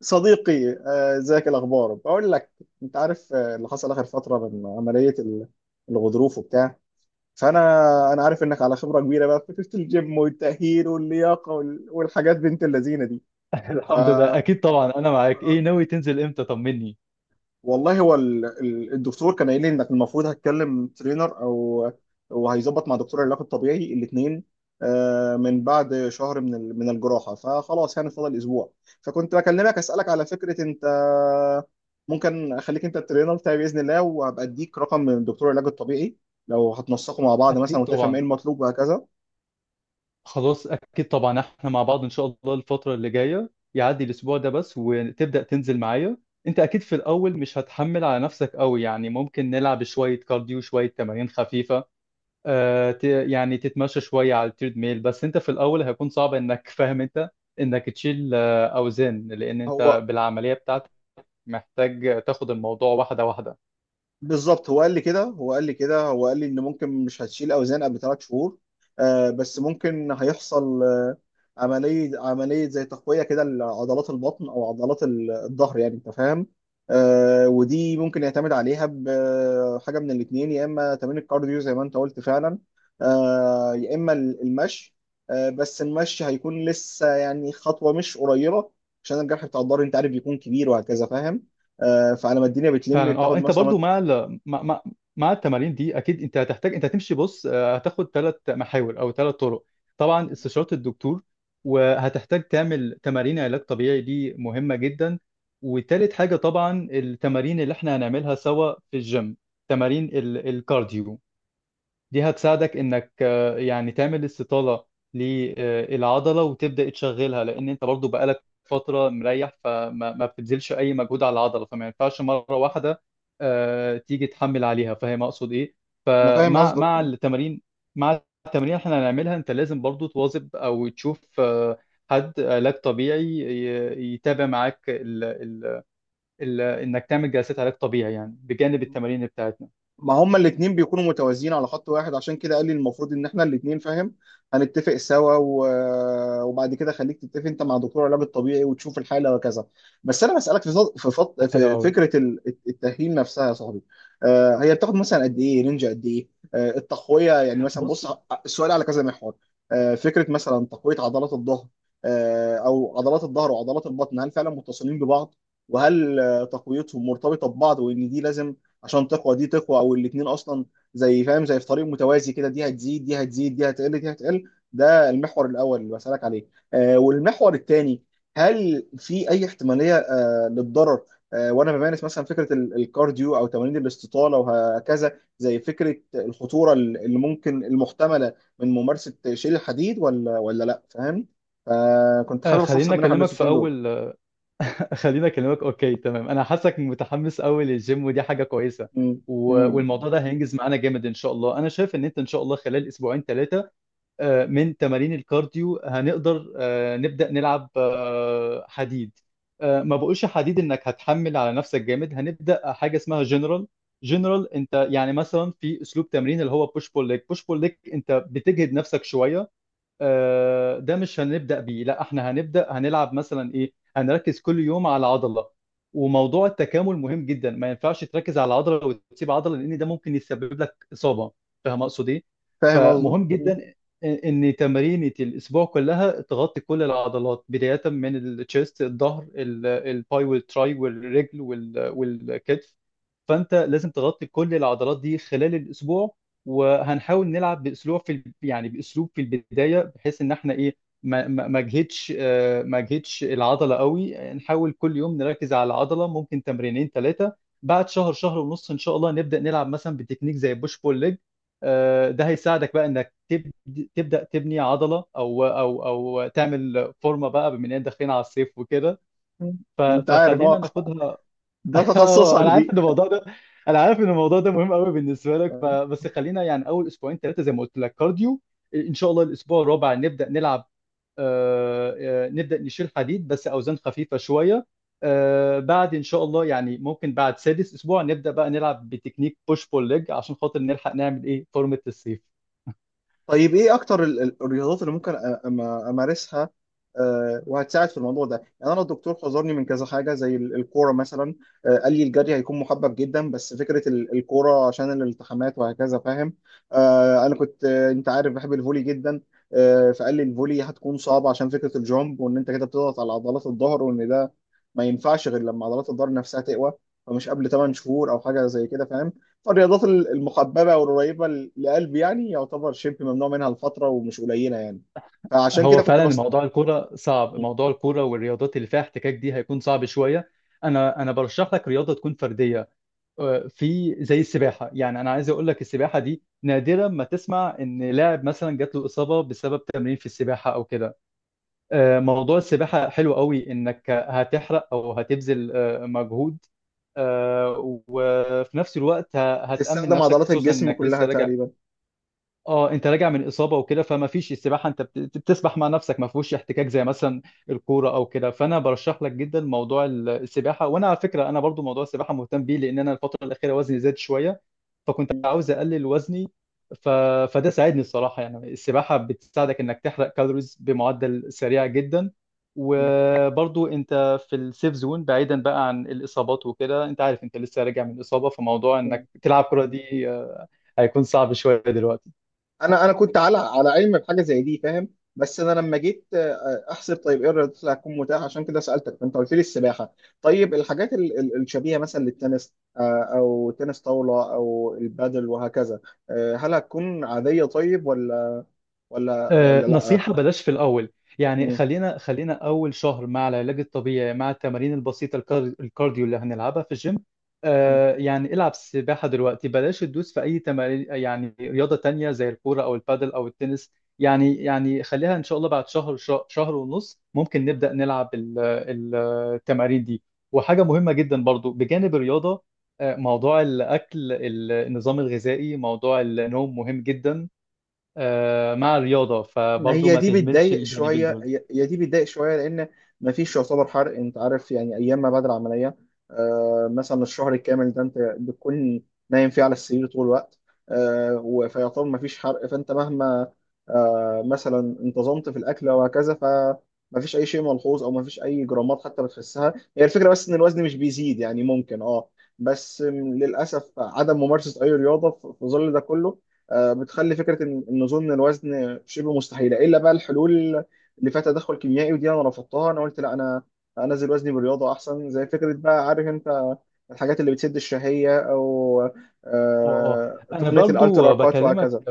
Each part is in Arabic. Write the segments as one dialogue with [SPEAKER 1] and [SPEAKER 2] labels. [SPEAKER 1] صديقي، ازيك، إيه الاخبار؟ بقول لك انت عارف، اللي حصل اخر فتره من عمليه الغضروف وبتاع. فانا انا عارف انك على خبره كبيره بقى في فكره الجيم والتاهيل واللياقه والحاجات بنت اللذينه دي. ف
[SPEAKER 2] الحمد لله، اكيد طبعا انا معاك. ايه
[SPEAKER 1] آه،
[SPEAKER 2] ناوي تنزل امتى؟ طمني.
[SPEAKER 1] والله هو الدكتور كان قايل لي انك المفروض هتكلم ترينر او وهيظبط مع دكتور العلاج الطبيعي الاثنين من بعد شهر من الجراحه، فخلاص يعني فاضل اسبوع. فكنت بكلمك اسالك، على فكره انت ممكن اخليك انت الترينر بتاعي باذن الله، وهبقى اديك رقم من دكتور العلاج الطبيعي لو هتنسقوا مع بعض مثلا
[SPEAKER 2] اكيد
[SPEAKER 1] وتفهم
[SPEAKER 2] طبعا.
[SPEAKER 1] ايه المطلوب وهكذا.
[SPEAKER 2] خلاص اكيد طبعا، احنا مع بعض ان شاء الله. الفتره اللي جايه يعدي الاسبوع ده بس وتبدا تنزل معايا. انت اكيد في الاول مش هتحمل على نفسك قوي، يعني ممكن نلعب شويه كارديو، شويه تمارين خفيفه. يعني تتمشى شويه على التريد ميل، بس انت في الاول هيكون صعب انك فاهم انت، انك تشيل اوزان لان انت
[SPEAKER 1] هو
[SPEAKER 2] بالعمليه بتاعتك محتاج تاخد الموضوع واحده واحده.
[SPEAKER 1] بالظبط، هو قال لي ان ممكن مش هتشيل اوزان قبل 3 شهور، آه، بس ممكن هيحصل آه عمليه زي تقويه كده لعضلات البطن او عضلات الظهر، يعني انت فاهم. آه، ودي ممكن يعتمد عليها بحاجه من الاثنين، يا اما تمرين الكارديو زي ما انت قلت فعلا، آه، يا اما المشي. آه، بس المشي هيكون لسه يعني خطوه مش قريبه عشان الجرح بتاع الظهر انت عارف بيكون كبير وهكذا، فاهم؟ آه، فعلى ما الدنيا بتلم
[SPEAKER 2] فعلا اه،
[SPEAKER 1] بتاخد
[SPEAKER 2] انت برضو
[SPEAKER 1] مثلا.
[SPEAKER 2] مع ال... مع مع مع التمارين دي اكيد انت هتحتاج، انت هتمشي، بص هتاخد ثلاث محاور او ثلاث طرق. طبعا استشارة الدكتور، وهتحتاج تعمل تمارين علاج طبيعي دي مهمة جدا. وتالت حاجة طبعا التمارين اللي احنا هنعملها سوا في الجيم، تمارين الكارديو دي هتساعدك انك يعني تعمل استطالة للعضلة وتبدأ تشغلها، لان انت برضو بقالك فترة مريح فما ما بتبذلش اي مجهود على العضلة، فما ينفعش مرة واحدة تيجي تحمل عليها. فاهم اقصد ايه؟
[SPEAKER 1] انا فاهم
[SPEAKER 2] فمع مع
[SPEAKER 1] قصدك.
[SPEAKER 2] التمارين مع التمارين اللي احنا هنعملها انت لازم برضو تواظب او تشوف حد علاج طبيعي يتابع معاك ال ال ال انك تعمل جلسات علاج طبيعي يعني بجانب التمارين بتاعتنا.
[SPEAKER 1] ما هما الاتنين بيكونوا متوازيين على خط واحد، عشان كده قال لي المفروض ان احنا الاتنين فاهم هنتفق سوا و وبعد كده خليك تتفق انت مع دكتور العلاج الطبيعي وتشوف الحاله وكذا. بس انا بسالك في
[SPEAKER 2] حلو
[SPEAKER 1] في
[SPEAKER 2] قوي.
[SPEAKER 1] فكره التاهيل نفسها يا صاحبي. آه، هي بتاخد مثلا قد ايه رينج، قد ايه آه التقويه؟ يعني مثلا
[SPEAKER 2] بص،
[SPEAKER 1] بص، السؤال على كذا محور. آه، فكره مثلا تقويه عضلات الظهر، آه، او عضلات الظهر وعضلات البطن، هل فعلا متصلين ببعض؟ وهل آه، تقويتهم مرتبطه ببعض، وان دي لازم عشان تقوى دي تقوى، او الاثنين اصلا زي، فاهم، زي في طريق متوازي كده، دي هتزيد دي هتزيد، دي هتقل دي هتقل. ده المحور الاول اللي بسالك عليه. آه، والمحور الثاني، هل في اي احتماليه آه للضرر، آه، وانا بمارس مثلا فكره الكارديو او تمارين الاستطاله وهكذا؟ زي فكره الخطوره اللي ممكن المحتمله من ممارسه شيل الحديد، ولا ولا لا، فاهم؟ فكنت
[SPEAKER 2] آه،
[SPEAKER 1] حابب
[SPEAKER 2] خليني
[SPEAKER 1] استفسر منك عن
[SPEAKER 2] اكلمك في
[SPEAKER 1] النسوسين دول.
[SPEAKER 2] اول آه، خليني اكلمك. اوكي تمام، انا حاسك متحمس قوي للجيم ودي حاجه كويسه.
[SPEAKER 1] م-
[SPEAKER 2] و...
[SPEAKER 1] م-
[SPEAKER 2] والموضوع ده هينجز معانا جامد ان شاء الله. انا شايف ان انت ان شاء الله خلال اسبوعين ثلاثه من تمارين الكارديو هنقدر نبدا نلعب حديد. ما بقولش حديد انك هتحمل على نفسك جامد، هنبدا حاجه اسمها جنرال. انت يعني مثلا في اسلوب تمرين اللي هو بوش بول ليج، بوش بول ليج انت بتجهد نفسك شويه. ده مش هنبدأ بيه، لا احنا هنلعب مثلا ايه، هنركز كل يوم على عضلة. وموضوع التكامل مهم جدا، ما ينفعش تركز على عضلة وتسيب عضلة لان ده ممكن يسبب لك إصابة. فاهم اقصد ايه؟
[SPEAKER 1] فاهم قصده.
[SPEAKER 2] فمهم جدا ان تمارين الاسبوع كلها تغطي كل العضلات، بداية من التشيست، الظهر، الباي والتراي والرجل والكتف. فانت لازم تغطي كل العضلات دي خلال الاسبوع. وهنحاول نلعب باسلوب يعني باسلوب في البدايه، بحيث ان احنا ايه، ما اجهدش العضله قوي. نحاول كل يوم نركز على العضله، ممكن تمرينين ثلاثه. بعد شهر، شهر ونص، ان شاء الله نبدا نلعب مثلا بتكنيك زي بوش بول ليج. ده هيساعدك بقى انك تبدا تبني عضله او تعمل فورمه بقى، بما اننا داخلين على الصيف وكده.
[SPEAKER 1] م-
[SPEAKER 2] ف-
[SPEAKER 1] انت عارف،
[SPEAKER 2] فخلينا
[SPEAKER 1] اه،
[SPEAKER 2] ناخدها.
[SPEAKER 1] ده
[SPEAKER 2] اه،
[SPEAKER 1] تخصصك دي.
[SPEAKER 2] انا عارف ان الموضوع ده مهم قوي بالنسبه لك. فبس خلينا يعني اول اسبوعين ثلاثه زي ما قلت لك كارديو، ان شاء الله الاسبوع الرابع نبدا نلعب. آه نبدا نشيل حديد بس اوزان خفيفه شويه. بعد ان شاء الله يعني ممكن بعد سادس اسبوع نبدا بقى نلعب بتكنيك بوش بول ليج عشان خاطر نلحق نعمل ايه فورمه الصيف.
[SPEAKER 1] طيب ايه اكتر الرياضات اللي ممكن امارسها، آه، وهتساعد في الموضوع ده؟ يعني انا الدكتور حذرني من كذا حاجه زي الكوره مثلا. آه، قال لي الجري هيكون محبب جدا، بس فكره الكوره عشان الالتحامات وهكذا، فاهم. آه، انا كنت آه، انت عارف بحب الفولي جدا، آه، فقال لي الفولي هتكون صعبه عشان فكره الجامب، وان انت كده بتضغط على عضلات الظهر، وان ده ما ينفعش غير لما عضلات الظهر نفسها تقوى، فمش قبل 8 شهور او حاجه زي كده، فاهم. الرياضات المحببة والقريبة لقلبي يعني يعتبر شبه ممنوع منها لفترة، ومش قليلة يعني. فعشان
[SPEAKER 2] هو
[SPEAKER 1] كده كنت
[SPEAKER 2] فعلا
[SPEAKER 1] بس.
[SPEAKER 2] موضوع الكوره صعب،
[SPEAKER 1] مم.
[SPEAKER 2] موضوع الكوره والرياضات اللي فيها احتكاك دي هيكون صعب شويه. انا برشح لك رياضه تكون فرديه، في زي السباحه. يعني انا عايز اقول لك السباحه دي، نادرا ما تسمع ان لاعب مثلا جات له اصابه بسبب تمرين في السباحه او كده. موضوع السباحه حلو قوي، انك هتحرق او هتبذل مجهود. آه، وفي نفس الوقت هتأمن
[SPEAKER 1] بتستخدم
[SPEAKER 2] نفسك
[SPEAKER 1] عضلات
[SPEAKER 2] خصوصا
[SPEAKER 1] الجسم
[SPEAKER 2] انك
[SPEAKER 1] كلها
[SPEAKER 2] لسه راجع.
[SPEAKER 1] تقريبا.
[SPEAKER 2] اه، انت راجع من اصابه وكده، فما فيش، السباحه انت بتسبح مع نفسك، ما فيهوش احتكاك زي مثلا الكوره او كده. فانا برشح لك جدا موضوع السباحه. وانا على فكره انا برضو موضوع السباحه مهتم بيه، لان انا الفتره الاخيره وزني زاد شويه فكنت
[SPEAKER 1] مم.
[SPEAKER 2] عاوز اقلل وزني. ف... فده ساعدني الصراحه، يعني السباحه بتساعدك انك تحرق كالوريز بمعدل سريع جدا.
[SPEAKER 1] مم.
[SPEAKER 2] وبرضو انت في السيف زون بعيدا بقى عن الاصابات وكده، انت عارف انت لسه راجع من اصابه، فموضوع
[SPEAKER 1] مم.
[SPEAKER 2] انك تلعب كره دي هيكون صعب شويه دلوقتي.
[SPEAKER 1] انا كنت على علم بحاجة زي دي، فاهم. بس انا لما جيت آه، احسب طيب ايه الرياضات اللي هتكون متاحة، عشان كده سألتك فانت قلت لي السباحة. طيب الحاجات الشبيهة مثلا للتنس، آه، او تنس طاولة او البادل وهكذا، آه، هل هتكون عادية طيب، ولا ولا ولا لا؟
[SPEAKER 2] نصيحة بلاش في الأول. يعني
[SPEAKER 1] مم.
[SPEAKER 2] خلينا أول شهر مع العلاج الطبيعي، مع التمارين البسيطة، الكارديو اللي هنلعبها في الجيم. يعني العب سباحة دلوقتي، بلاش تدوس في أي تمارين يعني رياضة تانية زي الكورة أو البادل أو التنس. يعني خليها إن شاء الله، بعد شهر، شهر ونص ممكن نبدأ نلعب التمارين دي. وحاجة مهمة جدا برضو بجانب الرياضة، موضوع الأكل، النظام الغذائي، موضوع النوم مهم جدا. مع الرياضة،
[SPEAKER 1] ما
[SPEAKER 2] فبرضه
[SPEAKER 1] هي
[SPEAKER 2] ما
[SPEAKER 1] دي
[SPEAKER 2] تهملش
[SPEAKER 1] بتضايق
[SPEAKER 2] الجانبين
[SPEAKER 1] شويه،
[SPEAKER 2] دول.
[SPEAKER 1] هي هي دي بتضايق شويه لان ما فيش يعتبر حرق، انت عارف يعني، ايام ما بعد العمليه آه، مثلا الشهر الكامل ده انت بتكون نايم فيه على السرير طول الوقت، آه، فيعتبر ما فيش حرق. فانت مهما آه مثلا انتظمت في الاكل وهكذا، فما فيش اي شيء ملحوظ او ما فيش اي جرامات حتى بتحسها. هي الفكره بس ان الوزن مش بيزيد، يعني ممكن اه، بس للاسف عدم ممارسه اي رياضه في ظل ده كله، آه، بتخلي فكره ان نزول الوزن شبه مستحيله، الا بقى الحلول اللي فيها تدخل كيميائي، ودي انا رفضتها، انا قلت لا، انا انزل وزني بالرياضه احسن، زي فكره بقى عارف انت الحاجات اللي بتسد الشهيه، او
[SPEAKER 2] اه اه
[SPEAKER 1] آه
[SPEAKER 2] انا
[SPEAKER 1] تقنيه الالترا
[SPEAKER 2] برضه
[SPEAKER 1] كات وهكذا.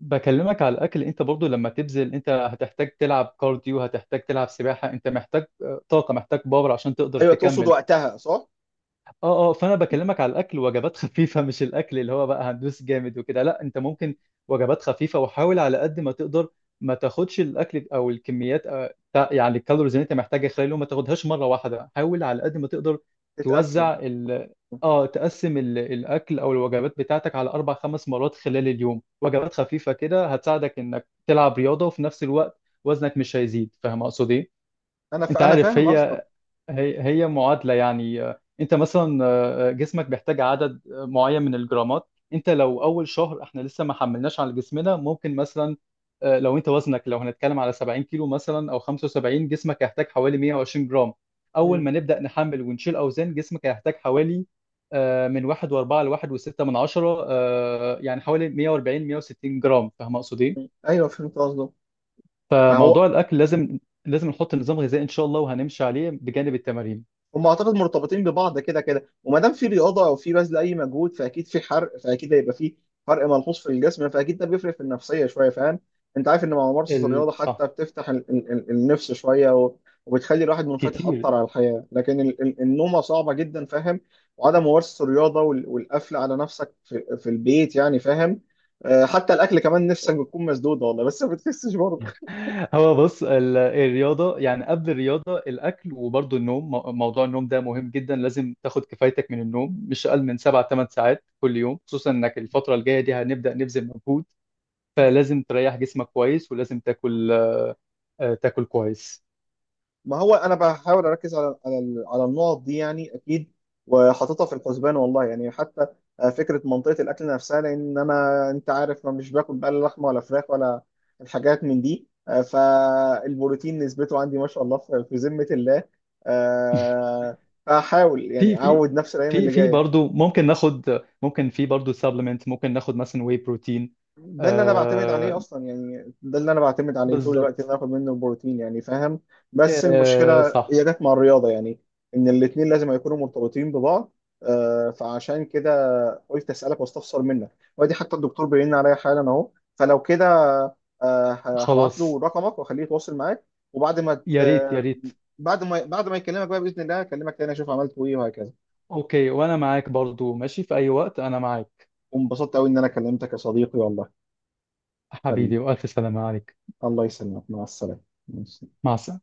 [SPEAKER 2] بكلمك على الاكل، انت برضه لما تبذل انت هتحتاج تلعب كارديو، هتحتاج تلعب سباحة، انت محتاج طاقة، محتاج باور عشان تقدر
[SPEAKER 1] ايوه، تقصد
[SPEAKER 2] تكمل.
[SPEAKER 1] وقتها، صح؟
[SPEAKER 2] اه فانا
[SPEAKER 1] م.
[SPEAKER 2] بكلمك على الاكل، وجبات خفيفه مش الاكل اللي هو بقى هندوس جامد وكده، لا انت ممكن وجبات خفيفه. وحاول على قد ما تقدر ما تاخدش الاكل او الكميات، يعني الكالوريز اللي انت محتاجها خلال اليوم، ما تاخدهاش مره واحده. حاول على قد ما تقدر
[SPEAKER 1] تتقسم.
[SPEAKER 2] توزع ال اه تقسم ال- الاكل او الوجبات بتاعتك على اربع خمس مرات خلال اليوم، وجبات خفيفه كده هتساعدك انك تلعب رياضه، وفي نفس الوقت وزنك مش هيزيد. فاهم اقصد ايه؟ انت
[SPEAKER 1] انا
[SPEAKER 2] عارف
[SPEAKER 1] فاهم قصدك.
[SPEAKER 2] هي معادلة يعني. انت مثلا، جسمك بيحتاج عدد معين من الجرامات. انت لو اول شهر احنا لسه ما حملناش على جسمنا ممكن مثلا، لو انت وزنك لو هنتكلم على 70 كيلو مثلا او 75، جسمك هيحتاج حوالي 120 جرام. اول
[SPEAKER 1] م-
[SPEAKER 2] ما نبدأ نحمل ونشيل اوزان، جسمك هيحتاج حوالي من 1.4 ل 1.6 من عشرة، يعني حوالي 140، 160 جرام. فاهم اقصد
[SPEAKER 1] م.
[SPEAKER 2] ايه؟
[SPEAKER 1] ايوه فهمت قصدك.
[SPEAKER 2] فموضوع
[SPEAKER 1] فهو
[SPEAKER 2] الاكل لازم نحط نظام غذائي ان شاء الله، وهنمشي عليه بجانب التمارين.
[SPEAKER 1] هم اعتقد مرتبطين ببعض كده كده، وما دام في رياضه او في بذل اي مجهود فاكيد في حرق، فاكيد هيبقى في فرق ملحوظ في الجسم، فاكيد ده بيفرق في النفسيه شويه، فاهم. انت عارف ان مع ممارسه الرياضه
[SPEAKER 2] صح.
[SPEAKER 1] حتى بتفتح النفس شويه، وبتخلي الواحد منفتح
[SPEAKER 2] كتير.
[SPEAKER 1] اكتر على الحياه، لكن النومه صعبه جدا، فاهم، وعدم ممارسه الرياضه والقفل على نفسك في البيت يعني، فاهم. آه، حتى الاكل كمان نفسك بتكون مسدوده والله، بس ما بتحسش برضه.
[SPEAKER 2] هو بص الرياضة، يعني قبل الرياضة الأكل وبرضه النوم، موضوع النوم ده مهم جدا، لازم تاخد كفايتك من النوم، مش أقل من سبع ثمان ساعات كل يوم، خصوصا إنك الفترة الجاية دي هنبدأ نبذل مجهود، فلازم تريح جسمك كويس ولازم تاكل تاكل كويس.
[SPEAKER 1] ما هو انا بحاول اركز على على النقط دي يعني اكيد، وحاططها في الحسبان والله يعني، حتى آه، فكره منطقه الاكل نفسها، لان انا انت عارف ما مش باكل بقى لا لحمه ولا فراخ ولا الحاجات من دي، آه، فالبروتين نسبته عندي ما شاء الله في ذمه الله. آه، فاحاول
[SPEAKER 2] في
[SPEAKER 1] يعني
[SPEAKER 2] في
[SPEAKER 1] اعود نفسي الايام
[SPEAKER 2] في
[SPEAKER 1] اللي
[SPEAKER 2] في
[SPEAKER 1] جايه.
[SPEAKER 2] برضه ممكن ناخد، في برضه سبلمنت ممكن ناخد مثلا واي بروتين.
[SPEAKER 1] ده اللي انا بعتمد عليه
[SPEAKER 2] آه
[SPEAKER 1] اصلا يعني، ده اللي انا بعتمد عليه طول الوقت، ان
[SPEAKER 2] بالظبط.
[SPEAKER 1] أنا اخد منه البروتين يعني، فاهم. بس المشكله
[SPEAKER 2] صح.
[SPEAKER 1] هي جت مع الرياضه يعني، ان الاثنين لازم يكونوا مرتبطين ببعض. آه، فعشان كده قلت اسالك واستفسر منك. وادي حتى الدكتور بيرن عليا حالا اهو، فلو كده آه هبعت له
[SPEAKER 2] خلاص.
[SPEAKER 1] رقمك واخليه يتواصل معاك، وبعد ما
[SPEAKER 2] يا ريت يا ريت.
[SPEAKER 1] بعد ما يكلمك بقى باذن الله اكلمك تاني اشوف عملت ايه وهكذا.
[SPEAKER 2] اوكي، وانا معاك برضو ماشي في اي وقت، انا معاك.
[SPEAKER 1] وانبسطت قوي ان انا كلمتك يا صديقي، والله. حبيبي،
[SPEAKER 2] حبيبي، والف سلامة عليك.
[SPEAKER 1] الله يسلمك، مع السلامه.
[SPEAKER 2] مع السلامة.